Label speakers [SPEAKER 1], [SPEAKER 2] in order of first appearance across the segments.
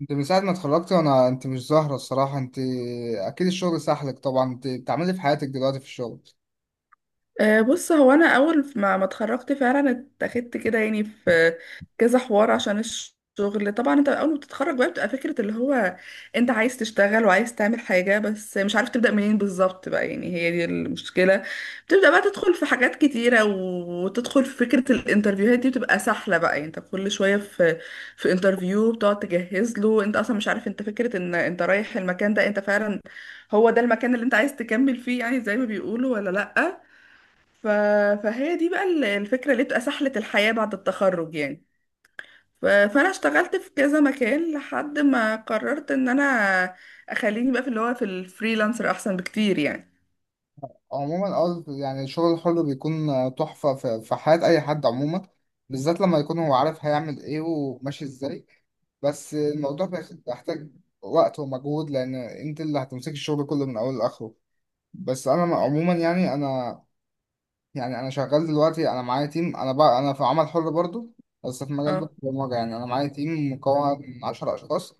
[SPEAKER 1] انت من ساعة ما اتخرجت انت مش ظاهرة الصراحة. انت اكيد الشغل سحلك، طبعا انت بتعملي إيه في حياتك دلوقتي في الشغل؟
[SPEAKER 2] آه، بص هو انا اول ما اتخرجت فعلا اتاخدت كده يعني في كذا حوار عشان الشغل. طبعا انت اول ما بتتخرج بقى بتبقى فكره اللي هو انت عايز تشتغل وعايز تعمل حاجه بس مش عارف تبدا منين بالظبط بقى، يعني هي دي المشكله. بتبدا بقى تدخل في حاجات كتيره وتدخل في فكره الانترفيوهات دي، بتبقى سهله بقى يعني انت كل شويه في انترفيو بتقعد تجهز له. انت اصلا مش عارف انت، فكره ان انت رايح المكان ده انت فعلا هو ده المكان اللي انت عايز تكمل فيه يعني زي ما بيقولوا ولا لا. ف... فهي دي بقى الفكرة اللي بتبقى سحلة الحياة بعد التخرج يعني. ف... فأنا اشتغلت في كذا مكان لحد ما قررت إن أنا أخليني بقى في اللي هو في الفريلانسر أحسن بكتير يعني.
[SPEAKER 1] عموما اه، يعني الشغل الحر بيكون تحفة في حياة اي حد، عموما بالذات لما يكون هو عارف هيعمل ايه وماشي ازاي. بس الموضوع بيحتاج وقت ومجهود، لان انت اللي هتمسك الشغل كله من اوله لاخره. بس انا عموما، يعني انا شغال دلوقتي، انا معايا تيم، انا في عمل حر برضو، بس في مجال
[SPEAKER 2] اه
[SPEAKER 1] البرمجه. يعني انا معايا تيم مكون من 10 اشخاص.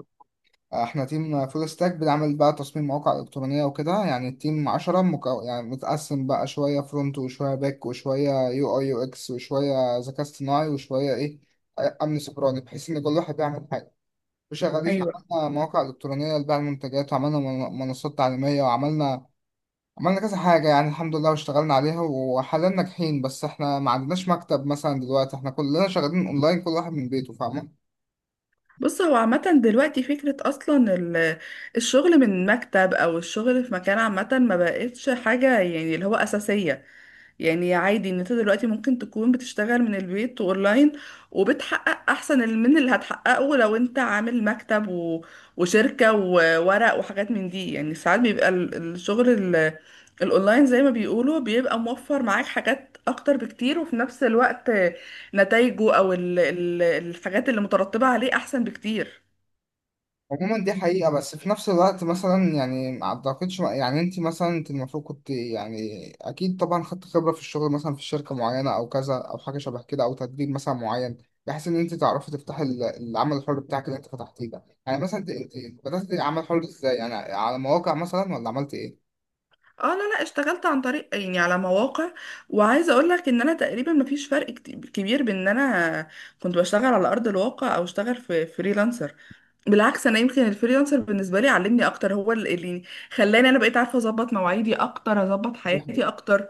[SPEAKER 1] احنا تيم فول ستاك، بنعمل بقى تصميم مواقع الكترونيه وكده. يعني التيم 10، يعني متقسم بقى، شويه فرونت وشويه باك وشويه يو اي يو اكس وشويه ذكاء اصطناعي وشويه ايه، امن سيبراني، بحيث ان كل واحد بيعمل حاجه وشغالين.
[SPEAKER 2] أيوه،
[SPEAKER 1] عملنا مواقع الكترونيه لبيع المنتجات، وعملنا منصات تعليميه، وعملنا كذا حاجة، يعني الحمد لله، واشتغلنا عليها وحاليا ناجحين. بس احنا ما عندناش مكتب مثلا، دلوقتي احنا كلنا شغالين اونلاين، كل واحد من بيته، فاهمة؟
[SPEAKER 2] بص هو عامة دلوقتي فكرة أصلا الشغل من مكتب أو الشغل في مكان، عامة ما بقتش حاجة يعني اللي هو أساسية. يعني عادي ان انت دلوقتي ممكن تكون بتشتغل من البيت اونلاين وبتحقق احسن من اللي هتحققه لو انت عامل مكتب و... وشركة وورق وحاجات من دي. يعني ساعات بيبقى الشغل الاونلاين زي ما بيقولوا بيبقى موفر معاك حاجات اكتر بكتير، وفي نفس الوقت نتائجه او الحاجات اللي مترتبة عليه احسن بكتير.
[SPEAKER 1] عموما دي حقيقة، بس في نفس الوقت مثلا، يعني ما اعتقدش، يعني انت مثلا المفروض كنت، يعني اكيد طبعا خدت خبرة في الشغل مثلا في شركة معينة او كذا، او حاجة شبه كده، او تدريب مثلا معين، بحيث ان انت تعرفي تفتحي العمل الحر بتاعك اللي انت فتحتيه ده. يعني مثلا انت بدأت عمل حر ازاي؟ يعني على مواقع مثلا، ولا عملت ايه؟
[SPEAKER 2] اه، لا اشتغلت عن طريق يعني على مواقع، وعايزه اقول لك ان انا تقريبا مفيش فرق كبير بين ان انا كنت بشتغل على ارض الواقع او اشتغل في فريلانسر. بالعكس انا يمكن الفريلانسر بالنسبه لي علمني اكتر، هو اللي خلاني انا بقيت عارفه اظبط مواعيدي اكتر اظبط
[SPEAKER 1] دي
[SPEAKER 2] حياتي
[SPEAKER 1] حقيقة.
[SPEAKER 2] اكتر.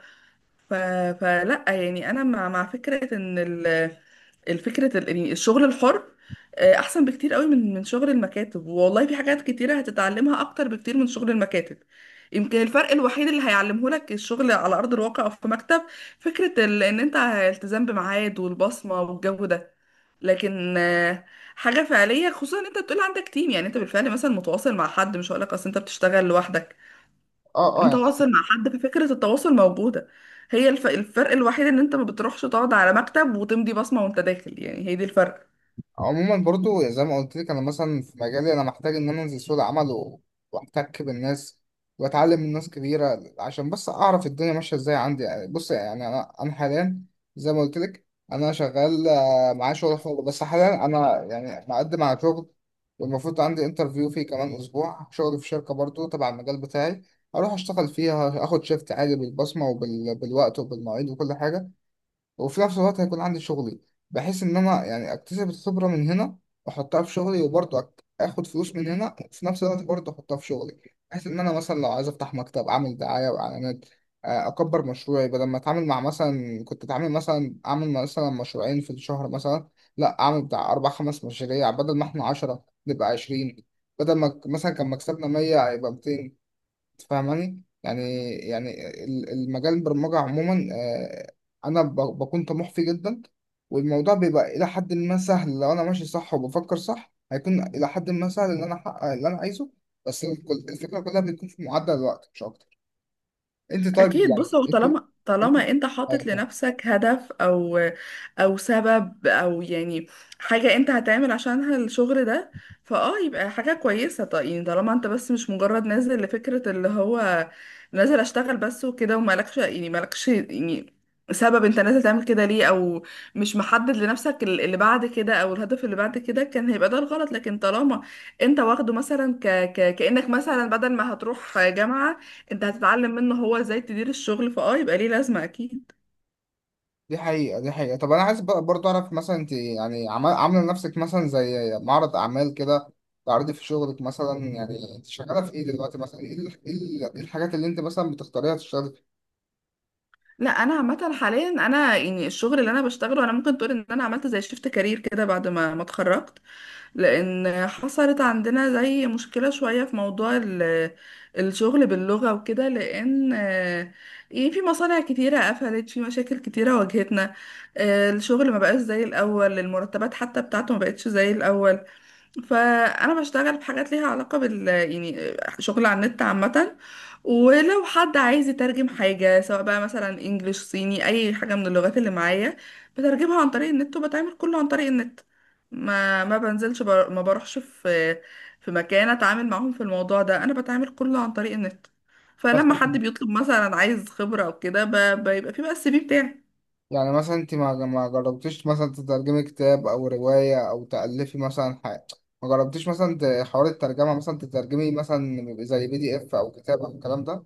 [SPEAKER 2] ف... فلا يعني انا مع فكره ان الفكرة يعني الشغل الحر احسن بكتير قوي من شغل المكاتب والله. في حاجات كتيرة هتتعلمها اكتر بكتير من شغل المكاتب. يمكن الفرق الوحيد اللي هيعلمه لك الشغل على ارض الواقع او في مكتب فكرة ان انت التزام بميعاد والبصمة والجو ده. لكن حاجة فعلية خصوصا ان انت بتقول عندك تيم، يعني انت بالفعل مثلا متواصل مع حد، مش هقولك اصل انت بتشتغل لوحدك.
[SPEAKER 1] اه، اه.
[SPEAKER 2] متواصل مع حد ففكرة التواصل موجودة. هي الفرق الوحيد ان انت ما بتروحش تقعد على مكتب وتمضي بصمة وانت داخل، يعني هي دي الفرق.
[SPEAKER 1] عموما برضو زي ما قلت لك، انا مثلا في مجالي انا محتاج ان انا انزل سوق العمل واحتك بالناس واتعلم من ناس كبيره، عشان بس اعرف الدنيا ماشيه ازاي عندي. يعني بص، يعني انا حاليا، زي ما قلت لك، انا شغال آه، معايا شغل حر، بس حاليا انا يعني مقدم على شغل، والمفروض عندي انترفيو فيه كمان اسبوع، شغل في شركه برضو تبع المجال بتاعي، اروح اشتغل فيها، اخد شيفت عادي بالبصمه وبالوقت وبالمواعيد وكل حاجه، وفي نفس الوقت هيكون عندي شغلي، بحيث ان انا يعني اكتسب الخبرة من هنا واحطها في شغلي، وبرضه اخد فلوس من هنا، وفي نفس الوقت برضه احطها في شغلي، بحيث ان انا مثلا لو عايز افتح مكتب، اعمل دعاية واعلانات، آه، اكبر مشروعي، بدل ما اتعامل مع، مثلا كنت اتعامل مثلا اعمل مثلا مشروعين في الشهر مثلا، لا اعمل بتاع اربع خمس مشاريع، بدل ما احنا عشرة نبقى عشرين، بدل ما مثلا كان مكسبنا مية هيبقى 200. فاهماني؟ يعني، يعني المجال، البرمجة عموما، آه، أنا بكون طموح فيه جدا، والموضوع بيبقى إلى حد ما سهل. لو أنا ماشي صح وبفكر صح، هيكون إلى حد ما سهل إن أنا أحقق اللي أنا عايزه. بس الفكرة كلها بتكون في معدل الوقت، مش أكتر. أنت طيب؟
[SPEAKER 2] اكيد، بص
[SPEAKER 1] يعني
[SPEAKER 2] هو
[SPEAKER 1] أنت
[SPEAKER 2] طالما
[SPEAKER 1] أنت
[SPEAKER 2] طالما انت حاطط
[SPEAKER 1] أيوة.
[SPEAKER 2] لنفسك هدف او او سبب او يعني حاجه انت هتعمل عشانها الشغل ده، فاه يبقى حاجه كويسه. طيب يعني طالما انت بس مش مجرد نازل لفكره اللي هو نازل اشتغل بس وكده، ومالكش يعني مالكش يعني سبب انت نازل تعمل كده ليه، او مش محدد لنفسك اللي بعد كده او الهدف اللي بعد كده، كان هيبقى ده الغلط. لكن طالما انت واخده مثلا ك... ك... كانك مثلا بدل ما هتروح جامعه انت هتتعلم منه هو ازاي تدير الشغل، فاه يبقى ليه لازمه اكيد.
[SPEAKER 1] دي حقيقة، دي حقيقة. طب أنا عايز برضه أعرف، مثلا أنت، يعني عاملة لنفسك مثلا زي معرض أعمال كده، تعرضي في شغلك مثلا؟ يعني أنت شغالة في إيه دلوقتي مثلا؟ إيه إيه الحاجات اللي أنت مثلا بتختاريها تشتغلي؟
[SPEAKER 2] لا، انا عامه حاليا انا يعني الشغل اللي انا بشتغله، انا ممكن تقول ان انا عملت زي شيفت كارير كده بعد ما اتخرجت، لان حصلت عندنا زي مشكله شويه في موضوع الشغل باللغه وكده. لان يعني في مصانع كتيره قفلت، في مشاكل كتيره واجهتنا. الشغل ما بقاش زي الاول، المرتبات حتى بتاعته ما بقتش زي الاول. فانا بشتغل في حاجات ليها علاقه بال، يعني شغل على النت عامه. ولو حد عايز يترجم حاجه، سواء بقى مثلا انجليش صيني اي حاجه من اللغات اللي معايا، بترجمها عن طريق النت، وبتعمل كله عن طريق النت. ما ما بروحش في في مكان اتعامل معاهم في الموضوع ده، انا بتعامل كله عن طريق النت. فلما حد
[SPEAKER 1] مثلا
[SPEAKER 2] بيطلب مثلا عايز خبره او كده، بيبقى في بقى السي في بتاعي.
[SPEAKER 1] يعني مثلا أنت ما ما جربتيش مثلا تترجمي كتاب، أو رواية، أو تألفي مثلا حاجة؟ ما جربتيش مثلا حوار الترجمة مثلا، تترجمي مثلا زي بي دي إف أو كتاب أو الكلام ده؟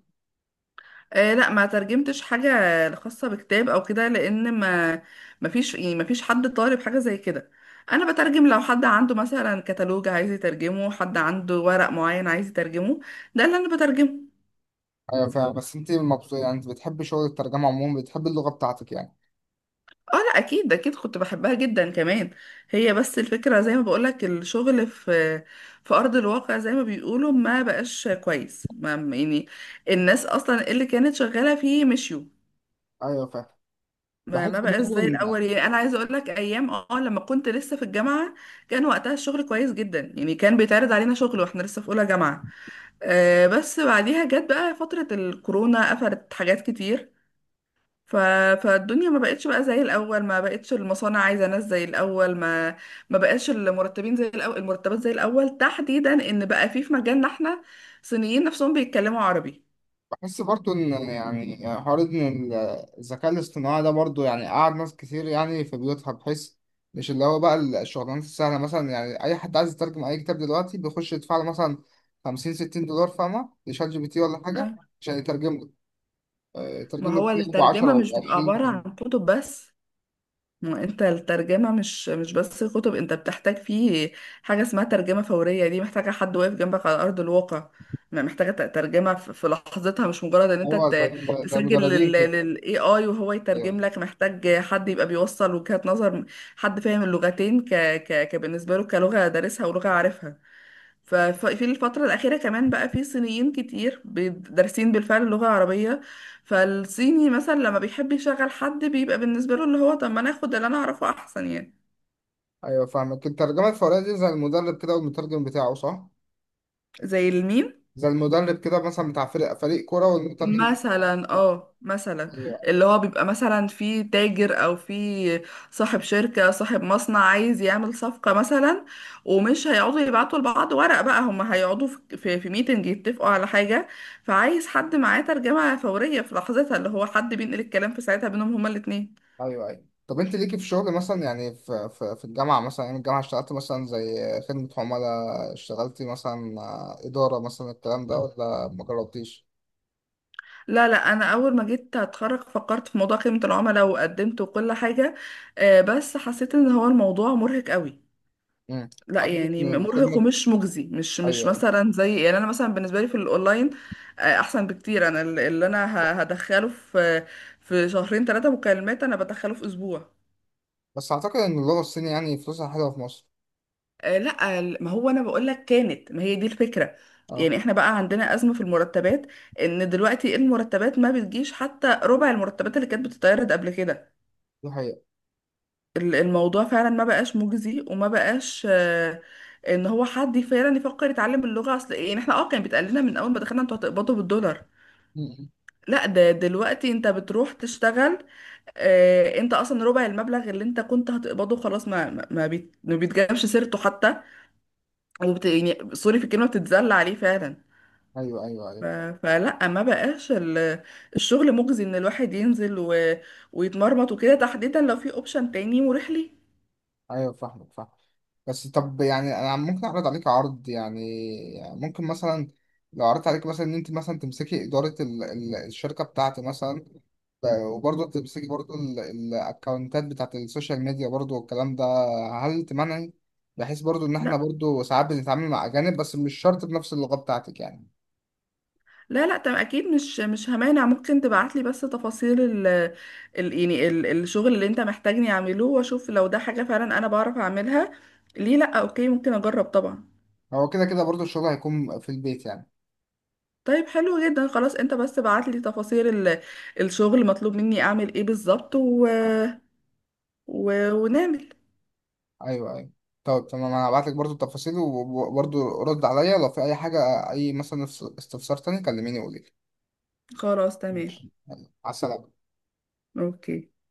[SPEAKER 2] آه لا، ما ترجمتش حاجة خاصة بكتاب او كده، لان ما فيش يعني ما فيش حد طالب حاجة زي كده. انا بترجم لو حد عنده مثلا كتالوج عايز يترجمه، حد عنده ورق معين عايز يترجمه، ده اللي انا بترجمه.
[SPEAKER 1] أيوة فاهم. بس أنت مبسوطة؟ يعني أنت بتحبي شغل الترجمة عموما؟ بتحبي اللغة بتاعتك يعني؟
[SPEAKER 2] اه لا، اكيد كنت بحبها جدا كمان. هي بس الفكرة زي ما بقولك، الشغل في في ارض الواقع زي ما بيقولوا ما بقاش كويس. ما يعني الناس اصلا اللي كانت شغالة فيه مشيوا.
[SPEAKER 1] أيوة فاهم.
[SPEAKER 2] ما
[SPEAKER 1] بحس
[SPEAKER 2] ما بقاش
[SPEAKER 1] برضه.
[SPEAKER 2] زي الاول. يعني انا عايزه اقول لك، ايام اه لما كنت لسه في الجامعه كان وقتها الشغل كويس جدا. يعني كان بيتعرض علينا شغل واحنا لسه في اولى جامعه. آه بس بعديها جت بقى فتره الكورونا، قفلت حاجات كتير. ف... فالدنيا ما بقتش بقى زي الاول، ما بقتش المصانع عايزه ناس زي الاول، ما بقاش المرتبين زي الاول، المرتبات زي الاول، تحديدا ان بقى في في مجالنا احنا صينيين نفسهم بيتكلموا عربي.
[SPEAKER 1] بس برضو ان، يعني حوار ان الذكاء الاصطناعي ده برضو، يعني قعد ناس كتير يعني في بيوتها، بحيث مش اللي هو بقى الشغلانات السهلة مثلا. يعني أي حد عايز يترجم أي كتاب دلوقتي بيخش يدفع له مثلا 50 $60، فاهمة؟ لشات جي بي تي ولا حاجة،
[SPEAKER 2] آه،
[SPEAKER 1] عشان يترجم له، آه،
[SPEAKER 2] ما
[SPEAKER 1] يترجم له
[SPEAKER 2] هو
[SPEAKER 1] كتاب ب 10
[SPEAKER 2] الترجمه
[SPEAKER 1] و
[SPEAKER 2] مش بتبقى عباره
[SPEAKER 1] 20.
[SPEAKER 2] عن كتب بس. ما انت الترجمة مش بس كتب، انت بتحتاج فيه حاجة اسمها ترجمة فورية، دي محتاجة حد واقف جنبك على أرض الواقع، ما محتاجة ترجمة في في لحظتها، مش مجرد ان انت
[SPEAKER 1] هو زي زي
[SPEAKER 2] تسجل
[SPEAKER 1] مدربين
[SPEAKER 2] لل
[SPEAKER 1] كده
[SPEAKER 2] لل AI وهو يترجم
[SPEAKER 1] يعني.
[SPEAKER 2] لك. محتاج حد يبقى بيوصل وجهات نظر، حد فاهم اللغتين، ك ك كبالنسبة له كلغة دارسها ولغة عارفها. ففي الفترة الأخيرة كمان بقى في صينيين كتير دارسين بالفعل اللغة العربية. فالصيني مثلا لما بيحب يشغل حد، بيبقى بالنسبة له اللي هو طب ما أنا آخد اللي أنا أعرفه أحسن يعني.
[SPEAKER 1] أيوه فاهمك. الترجمة الفورية دي زي المدرب كده والمترجم بتاعه، صح؟
[SPEAKER 2] زي الميم
[SPEAKER 1] زي المدرب كده مثلا بتاع فريق كورة والمترجم.
[SPEAKER 2] مثلا، اه مثلا اللي هو بيبقى مثلا في تاجر او في صاحب شركة صاحب مصنع عايز يعمل صفقة مثلا، ومش هيقعدوا يبعتوا لبعض ورق، بقى هم هيقعدوا في في, في ميتنج يتفقوا على حاجة، فعايز حد معاه ترجمة فورية في لحظتها، اللي هو حد بينقل الكلام في ساعتها بينهم هما الاتنين.
[SPEAKER 1] ايوه، ايوه. طب انت ليكي في شغل مثلا، يعني في الجامعه مثلا، ايام الجامعه اشتغلت مثلا زي خدمه عملاء؟ اشتغلتي مثلا آه، اداره مثلا، الكلام ده ولا ما جربتيش؟
[SPEAKER 2] لا انا اول ما جيت اتخرج فكرت في موضوع خدمة العملاء، وقدمت وكل حاجة، بس حسيت ان هو الموضوع مرهق قوي.
[SPEAKER 1] امم.
[SPEAKER 2] لا
[SPEAKER 1] اعتقد
[SPEAKER 2] يعني
[SPEAKER 1] ان
[SPEAKER 2] مرهق
[SPEAKER 1] الخدمه.
[SPEAKER 2] ومش مجزي، مش
[SPEAKER 1] ايوه، ايوه.
[SPEAKER 2] مثلا زي، يعني انا مثلا بالنسبه لي في الاونلاين احسن بكتير. انا اللي انا هدخله في في شهرين ثلاثه مكالمات، انا بدخله في اسبوع.
[SPEAKER 1] بس اعتقد ان اللغه الصينيه يعني فلوسها حلوه في مصر.
[SPEAKER 2] آه، لا ما هو انا بقول لك كانت، ما هي دي الفكره.
[SPEAKER 1] اه.
[SPEAKER 2] يعني احنا بقى عندنا ازمه في المرتبات، ان دلوقتي المرتبات ما بتجيش حتى ربع المرتبات اللي كانت بتتعرض قبل كده.
[SPEAKER 1] دي حقيقه.
[SPEAKER 2] الموضوع فعلا ما بقاش مجزي، وما بقاش ان هو حد فعلا يفكر يتعلم اللغة اصل. يعني احنا اه كان بيتقال لنا من اول ما دخلنا انتوا هتقبضوا بالدولار.
[SPEAKER 1] مم.
[SPEAKER 2] لا ده دلوقتي انت بتروح تشتغل، انت اصلا ربع المبلغ اللي انت كنت هتقبضه خلاص ما بيتجابش سيرته حتى، وبت يعني سوري في الكلمة بتتذل عليه فعلا.
[SPEAKER 1] ايوه، ايوه،
[SPEAKER 2] ف-
[SPEAKER 1] ايوه.
[SPEAKER 2] فلا، ما بقاش الشغل مجزي ان الواحد ينزل ويتمرمط وكده، تحديدا لو في اوبشن تاني مريح ليه.
[SPEAKER 1] ايوه فاهمك، فاهم. بس طب يعني انا ممكن اعرض عليك عرض، يعني ممكن مثلا، لو عرضت عليك مثلا ان انت مثلا تمسكي اداره الشركه بتاعتي مثلا، وبرضه بتمسكي برضه الاكونتات بتاعت السوشيال ميديا برضه والكلام ده، هل تمنعي؟ بحيث برضه ان احنا برضه ساعات بنتعامل مع اجانب، بس مش شرط بنفس اللغة بتاعتك يعني.
[SPEAKER 2] لا طب اكيد مش همانع، ممكن تبعتلي بس تفاصيل ال يعني الشغل اللي انت محتاجني اعمله، واشوف لو ده حاجة فعلا انا بعرف اعملها. ليه لا، اوكي ممكن اجرب طبعا.
[SPEAKER 1] هو كده كده برضه الشغل هيكون في البيت يعني.
[SPEAKER 2] طيب حلو جدا، خلاص انت بس بعتلي تفاصيل ال الشغل مطلوب مني اعمل ايه بالظبط و... و... ونعمل.
[SPEAKER 1] ايوه، ايوه. طب تمام، انا هبعت لك برضه التفاصيل، وبرضه رد عليا لو في اي حاجة، اي مثلا استفسار تاني، كلميني وقولي لي.
[SPEAKER 2] خلاص تمام.
[SPEAKER 1] ماشي. يلا، على السلامة.
[SPEAKER 2] اوكي.